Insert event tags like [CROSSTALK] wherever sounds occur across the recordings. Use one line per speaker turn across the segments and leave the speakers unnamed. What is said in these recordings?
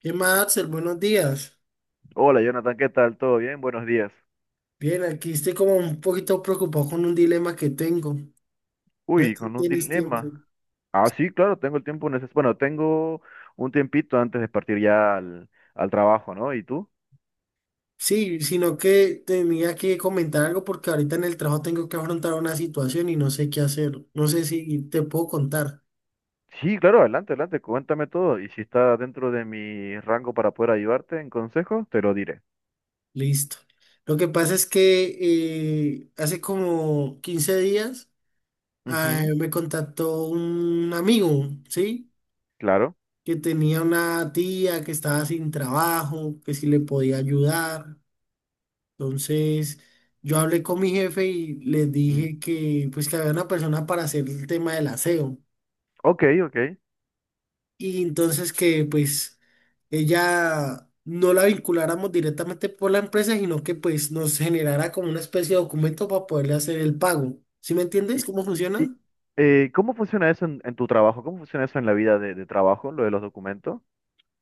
¿Qué más, Axel? Buenos días.
Hola Jonathan, ¿qué tal? ¿Todo bien? Buenos días.
Bien, aquí estoy como un poquito preocupado con un dilema que tengo. No
Uy,
sé si
con un
tienes tiempo.
dilema. Ah, sí, claro, tengo el tiempo necesario. Bueno, tengo un tiempito antes de partir ya al trabajo, ¿no? ¿Y tú?
Sí, sino que tenía que comentar algo porque ahorita en el trabajo tengo que afrontar una situación y no sé qué hacer. No sé si te puedo contar.
Sí, claro, adelante, adelante, cuéntame todo. Y si está dentro de mi rango para poder ayudarte en consejo, te lo diré.
Listo. Lo que pasa es que hace como 15 días
Ujú,
me contactó un amigo, ¿sí?
claro.
Que tenía una tía que estaba sin trabajo, que si le podía ayudar. Entonces, yo hablé con mi jefe y les
Mm.
dije que pues que había una persona para hacer el tema del aseo.
Ok, ok.
Y entonces que pues ella no la vinculáramos directamente por la empresa, sino que pues nos generara como una especie de documento para poderle hacer el pago. ¿Sí me entiendes
¿Y,
cómo
y,
funciona?
cómo funciona eso en tu trabajo? ¿Cómo funciona eso en la vida de trabajo, lo de los documentos?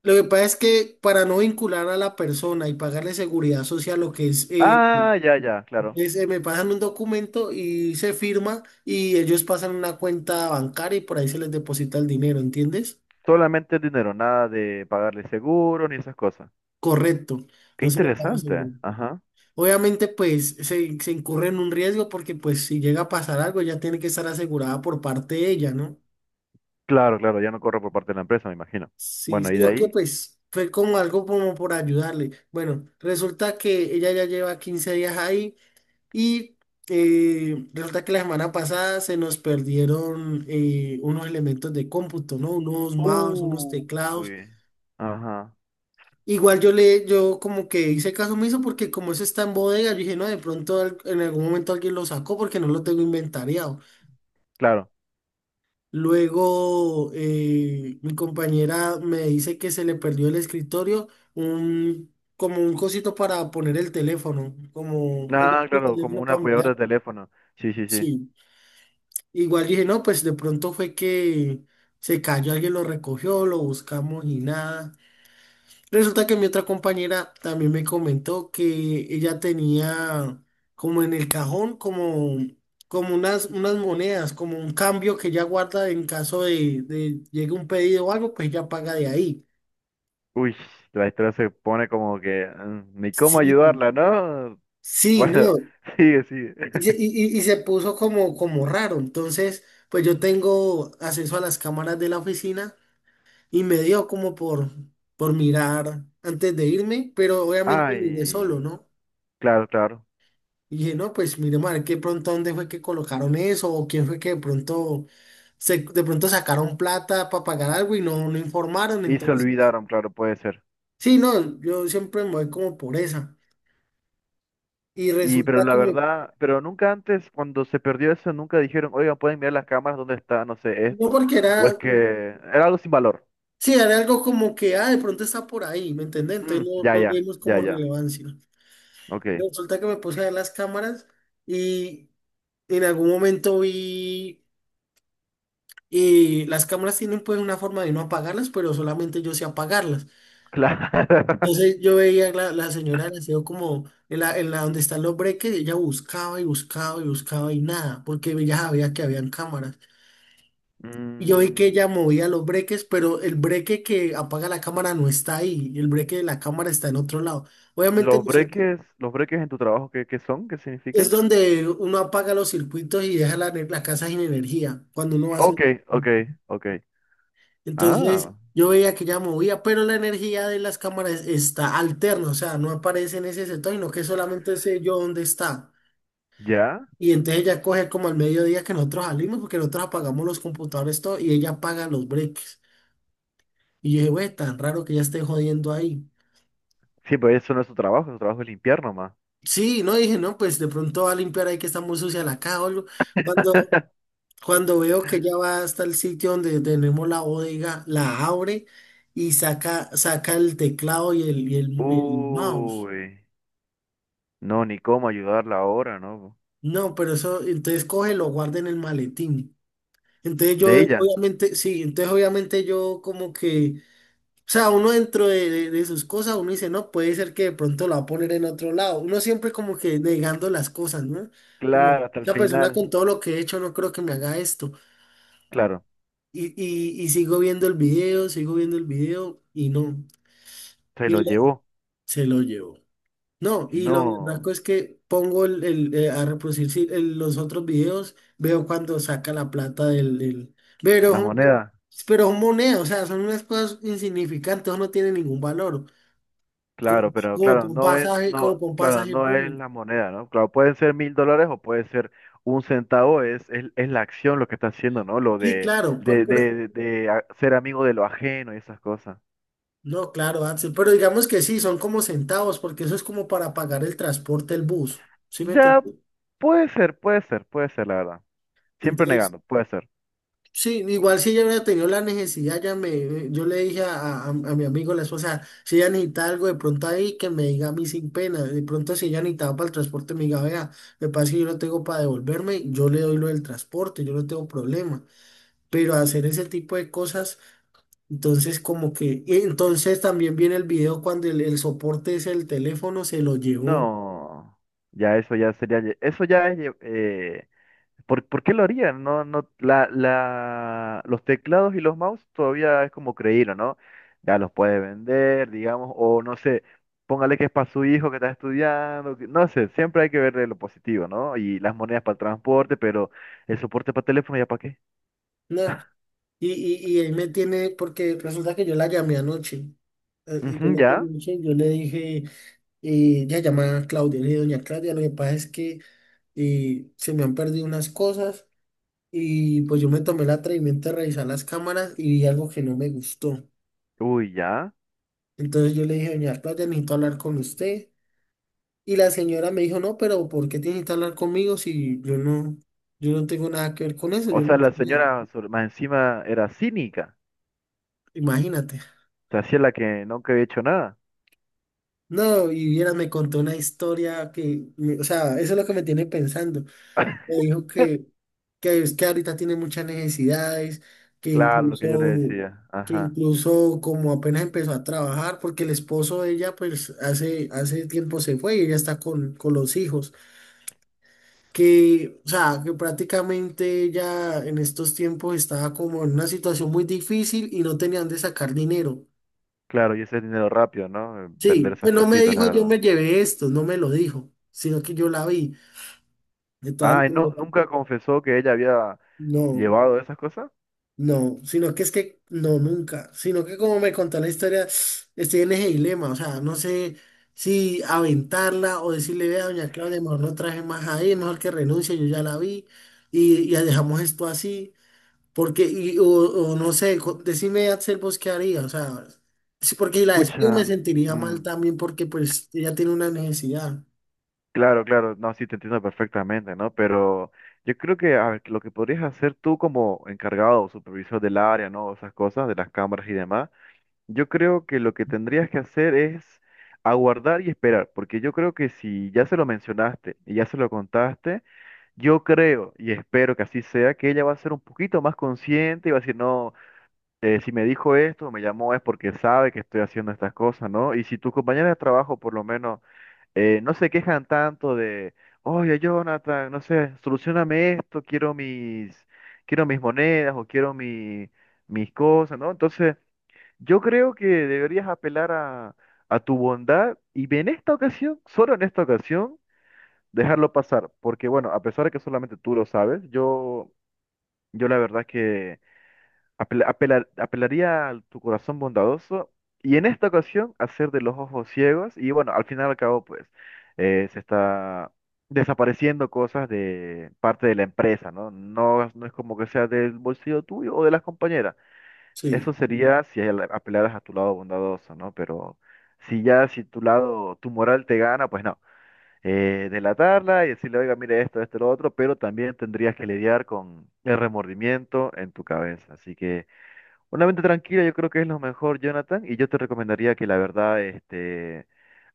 Lo que pasa es que para no vincular a la persona y pagarle seguridad social, lo que es
Ah, ya, ya, claro.
dice, me pasan un documento y se firma y ellos pasan una cuenta bancaria y por ahí se les deposita el dinero, ¿entiendes?
Solamente el dinero, nada de pagarle seguro ni esas cosas.
Correcto,
Qué
no se le paga
interesante.
seguro.
Ajá.
Obviamente, pues se incurre en un riesgo porque pues si llega a pasar algo, ya tiene que estar asegurada por parte de ella, ¿no?
Claro, claro, ya no corre por parte de la empresa, me imagino.
Sí,
Bueno, ¿y
sí,
de
lo que
ahí?
pues fue como algo como por ayudarle. Bueno, resulta que ella ya lleva 15 días ahí. Y resulta que la semana pasada se nos perdieron unos elementos de cómputo, ¿no? Unos mouse, unos
Uy.
teclados.
Ajá.
Igual yo le, yo como que hice caso omiso porque como eso está en bodega, yo dije, no, de pronto en algún momento alguien lo sacó porque no lo tengo inventariado.
Claro.
Luego mi compañera me dice que se le perdió el escritorio, un, como un cosito para poner el teléfono, como ella
Ah,
tiene el
claro, como
teléfono
un
para
apoyador
mirar.
de teléfono. Sí, sí, sí.
Sí. Igual dije, no, pues de pronto fue que se cayó, alguien lo recogió, lo buscamos y nada. Resulta que mi otra compañera también me comentó que ella tenía como en el cajón, como, como unas, unas monedas, como un cambio que ella guarda en caso de llegue un pedido o algo, pues ella paga de ahí.
Uy, la historia se pone como que ni cómo
Sí,
ayudarla, ¿no?
sí,
Bueno,
no.
[LAUGHS] sigue, sigue.
Y,
[LAUGHS]
y, y se puso como, como raro. Entonces, pues yo tengo acceso a las cámaras de la oficina. Y me dio como por mirar antes de irme, pero obviamente miré solo,
Ay,
¿no?
claro, claro.
Y dije, no, pues miremos a ver qué pronto dónde fue que colocaron eso o quién fue que de pronto, se, de pronto sacaron plata para pagar algo y no, no informaron.
Y se
Entonces,
olvidaron, claro, puede ser.
sí, no, yo siempre me voy como por esa. Y
Y
resulta
pero la
que me,
verdad, pero nunca antes, cuando se perdió eso, nunca dijeron, oigan, ¿pueden mirar las cámaras dónde está, no sé,
no
esto?
porque
¿O es
era,
que era algo sin valor?
sí, era algo como que, ah, de pronto está por ahí, ¿me entendés?
Mm,
Entonces no,
ya,
no le
ya,
dimos
ya,
como
ya.
relevancia.
Ok,
Resulta que me puse a ver las cámaras y en algún momento vi y las cámaras tienen pues una forma de no apagarlas, pero solamente yo sé apagarlas.
claro. [LAUGHS]
Entonces yo veía la, la señora del aseo como en la donde están los breques, ella buscaba y buscaba y buscaba y nada, porque ella sabía que habían cámaras. Y yo vi que
Mm,
ella movía los breques, pero el breque que apaga la cámara no está ahí, el breque de la cámara está en otro lado. Obviamente
los
nosotros-
breques, los breques en tu trabajo, ¿qué son? ¿Qué
es
significa?
donde uno apaga los circuitos y deja la, la casa sin energía, cuando uno va a hacer...
Ok, ok, ok.
Entonces
Ah,
yo veía que ya movía, pero la energía de las cámaras está alterna, o sea, no aparece en ese sector, sino que solamente sé yo dónde está.
ya.
Y entonces ella coge como al mediodía que nosotros salimos, porque nosotros apagamos los computadores todo y ella apaga los breaks. Y yo dije, güey, tan raro que ya esté jodiendo ahí.
Sí, pero eso no es tu trabajo es limpiar nomás.
Sí, no dije, no, pues de pronto va a limpiar ahí que está muy sucia la caja o algo. Cuando,
[LAUGHS]
cuando veo que ya va hasta el sitio donde tenemos la bodega, la abre y saca, saca el teclado y el, y el, y el mouse.
Uy, no, ni cómo ayudarla ahora, ¿no?
No, pero eso, entonces cógelo, guarda en el maletín. Entonces yo,
De ella,
obviamente, sí, entonces obviamente yo como que, o sea, uno dentro de, de sus cosas, uno dice, no, puede ser que de pronto lo va a poner en otro lado. Uno siempre como que negando las cosas, ¿no? Como,
claro, hasta el
esa persona con
final,
todo lo que he hecho no creo que me haga esto.
claro,
Y sigo viendo el video, sigo viendo el video y no.
se
Y él
lo llevó.
se lo llevó. No, y lo
No,
blanco es que pongo el, a reproducir sí, los otros videos, veo cuando saca la plata del, del- Pero,
las
son-
monedas.
pero son monedas, o sea, son unas cosas insignificantes, eso no tiene ningún valor. Como,
Claro, pero
como
claro,
por un
no es,
pasaje, como
no,
por un
claro,
pasaje
no es
público.
la moneda, ¿no? Claro, pueden ser $1.000 o puede ser un centavo, es la acción lo que está haciendo, ¿no? Lo
Sí,
de,
claro,
de,
pero-
de, de, de a- ser amigo de lo ajeno y esas cosas.
no, claro, Axel, pero digamos que sí, son como centavos, porque eso es como para pagar el transporte, el bus, ¿sí me
Ya,
entiendes?
puede ser, puede ser, puede ser, la verdad. Siempre
Entonces,
negando, puede ser.
sí, igual si ella hubiera tenido la necesidad, ya me, yo le dije a, a mi amigo, la esposa, si ella necesita algo de pronto ahí, que me diga a mí sin pena. De pronto si ella necesitaba para el transporte, me diga, vea, me parece que yo no tengo para devolverme, yo le doy lo del transporte, yo no tengo problema. Pero hacer ese tipo de cosas, entonces como que, y entonces también viene el video cuando el soporte es el teléfono, se lo llevó.
No, ya eso ya sería, eso ya es. ¿Por qué lo harían? No, no, los teclados y los mouse todavía es como creído, ¿no? Ya los puede vender, digamos, o no sé, póngale que es para su hijo que está estudiando, no sé, siempre hay que ver lo positivo, ¿no? Y las monedas para el transporte, pero el soporte para teléfono, ¿ya para qué?
Nah, y, y ahí me tiene, porque resulta que yo la llamé anoche. Yo
Ujú,
la llamé
ya,
anoche y yo le dije... ella se llama Claudia, le dije, doña Claudia, lo que pasa es que se me han perdido unas cosas y pues yo me tomé el atrevimiento de revisar las cámaras y vi algo que no me gustó.
uy, ya.
Entonces yo le dije, doña Claudia, necesito hablar con usted. Y la señora me dijo, no, pero ¿por qué tiene que hablar conmigo si yo no, yo no tengo nada que ver con eso?
O
Yo,
sea, la
no,
señora más encima era cínica,
imagínate.
se hacía la que nunca había hecho nada.
No, y viera, me contó una historia que, me- o sea, eso es lo que me tiene pensando. Me dijo que es que ahorita tiene muchas necesidades, que
Claro, lo que yo le
incluso,
decía,
que
ajá.
incluso como apenas empezó a trabajar, porque el esposo de ella pues hace, hace tiempo se fue y ella está con los hijos, que, o sea, que prácticamente ella en estos tiempos estaba como en una situación muy difícil y no tenían de sacar dinero.
Claro, y ese es dinero rápido, ¿no?
Sí,
Vender esas
pues no me
cositas, la
dijo yo
verdad.
me llevé esto, no me lo dijo, sino que yo la vi. De todas
Ay, no,
maneras,
nunca confesó que ella había
no.
llevado esas cosas.
No, sino que es que no, nunca, sino que como me contó la historia, estoy en ese dilema, o sea, no sé si aventarla o decirle, vea, doña Claudia, mejor no traje más ahí, mejor que renuncie, yo ya la vi y ya dejamos esto así, porque, y, o no sé, co- decime, Axel, vos qué haría, o sea, sí, porque si la despido me
Pucha.
sentiría mal
mm,
también porque pues ella tiene una necesidad,
claro, claro, no, sí te entiendo perfectamente, ¿no? Pero yo creo que a ver, lo que podrías hacer tú como encargado o supervisor del área, ¿no? Esas cosas, de las cámaras y demás, yo creo que lo que tendrías que hacer es aguardar y esperar, porque yo creo que si ya se lo mencionaste y ya se lo contaste, yo creo y espero que así sea, que ella va a ser un poquito más consciente y va a decir, no. Si me dijo esto, me llamó es porque sabe que estoy haciendo estas cosas, ¿no? Y si tus compañeros de trabajo por lo menos no se quejan tanto de, oye, Jonathan, no sé, solucioname esto, quiero mis monedas o quiero mis cosas, ¿no? Entonces, yo creo que deberías apelar a tu bondad y en esta ocasión, solo en esta ocasión, dejarlo pasar, porque bueno, a pesar de que solamente tú lo sabes, yo la verdad que... Apelaría a tu corazón bondadoso y en esta ocasión hacer de los ojos ciegos y bueno, al final y al cabo pues se está desapareciendo cosas de parte de la empresa, ¿no? No, no es como que sea del bolsillo tuyo o de las compañeras. Eso
sí.
sería si apelaras a tu lado bondadoso, ¿no? Pero si ya si tu lado, tu moral te gana, pues no. Delatarla y decirle, oiga, mire esto, esto, lo otro, pero también tendrías que lidiar con el remordimiento en tu cabeza. Así que... Una mente tranquila yo creo que es lo mejor, Jonathan, y yo te recomendaría que la verdad,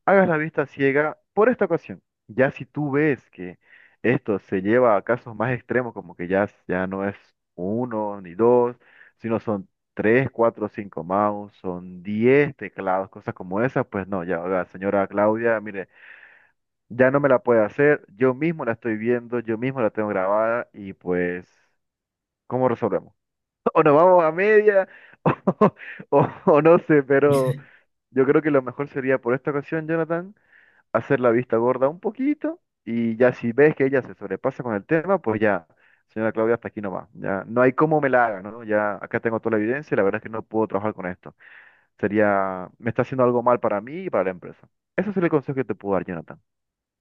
hagas la vista ciega por esta ocasión. Ya si tú ves que esto se lleva a casos más extremos, como que ya no es uno ni dos, sino son tres, cuatro, cinco mouse, son 10 teclados, cosas como esas, pues no, ya, oiga, señora Claudia, mire, ya no me la puede hacer, yo mismo la estoy viendo, yo mismo la tengo grabada y pues, ¿cómo resolvemos? O nos vamos a media, [LAUGHS] o no sé, pero yo creo que lo mejor sería por esta ocasión, Jonathan, hacer la vista gorda un poquito y ya si ves que ella se sobrepasa con el tema, pues ya, señora Claudia, hasta aquí nomás. Ya no hay cómo me la haga, ¿no? Ya acá tengo toda la evidencia y la verdad es que no puedo trabajar con esto. Sería, me está haciendo algo mal para mí y para la empresa. Ese es el consejo que te puedo dar, Jonathan.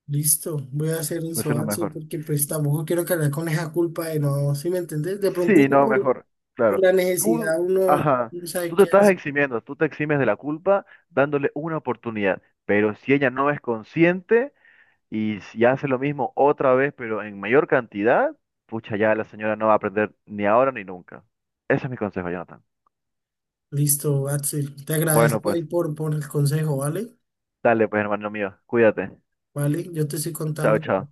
Listo, voy a hacer
Pues
eso,
es lo
Axel,
mejor.
porque pues tampoco quiero cargar con esa culpa de no, ¿sí me entendés? De pronto
Sí, no, mejor,
por
claro.
la necesidad
Tú,
uno
ajá,
no sabe
tú te
qué
estás
hacer.
eximiendo, tú te eximes de la culpa dándole una oportunidad, pero si ella no es consciente y si hace lo mismo otra vez, pero en mayor cantidad, pucha, ya la señora no va a aprender ni ahora ni nunca. Ese es mi consejo, Jonathan.
Listo, Axel, te
Bueno,
agradezco ahí
pues,
por el consejo, ¿vale?
dale, pues, hermano mío, cuídate.
Vale, yo te estoy
Chao,
contando.
chao.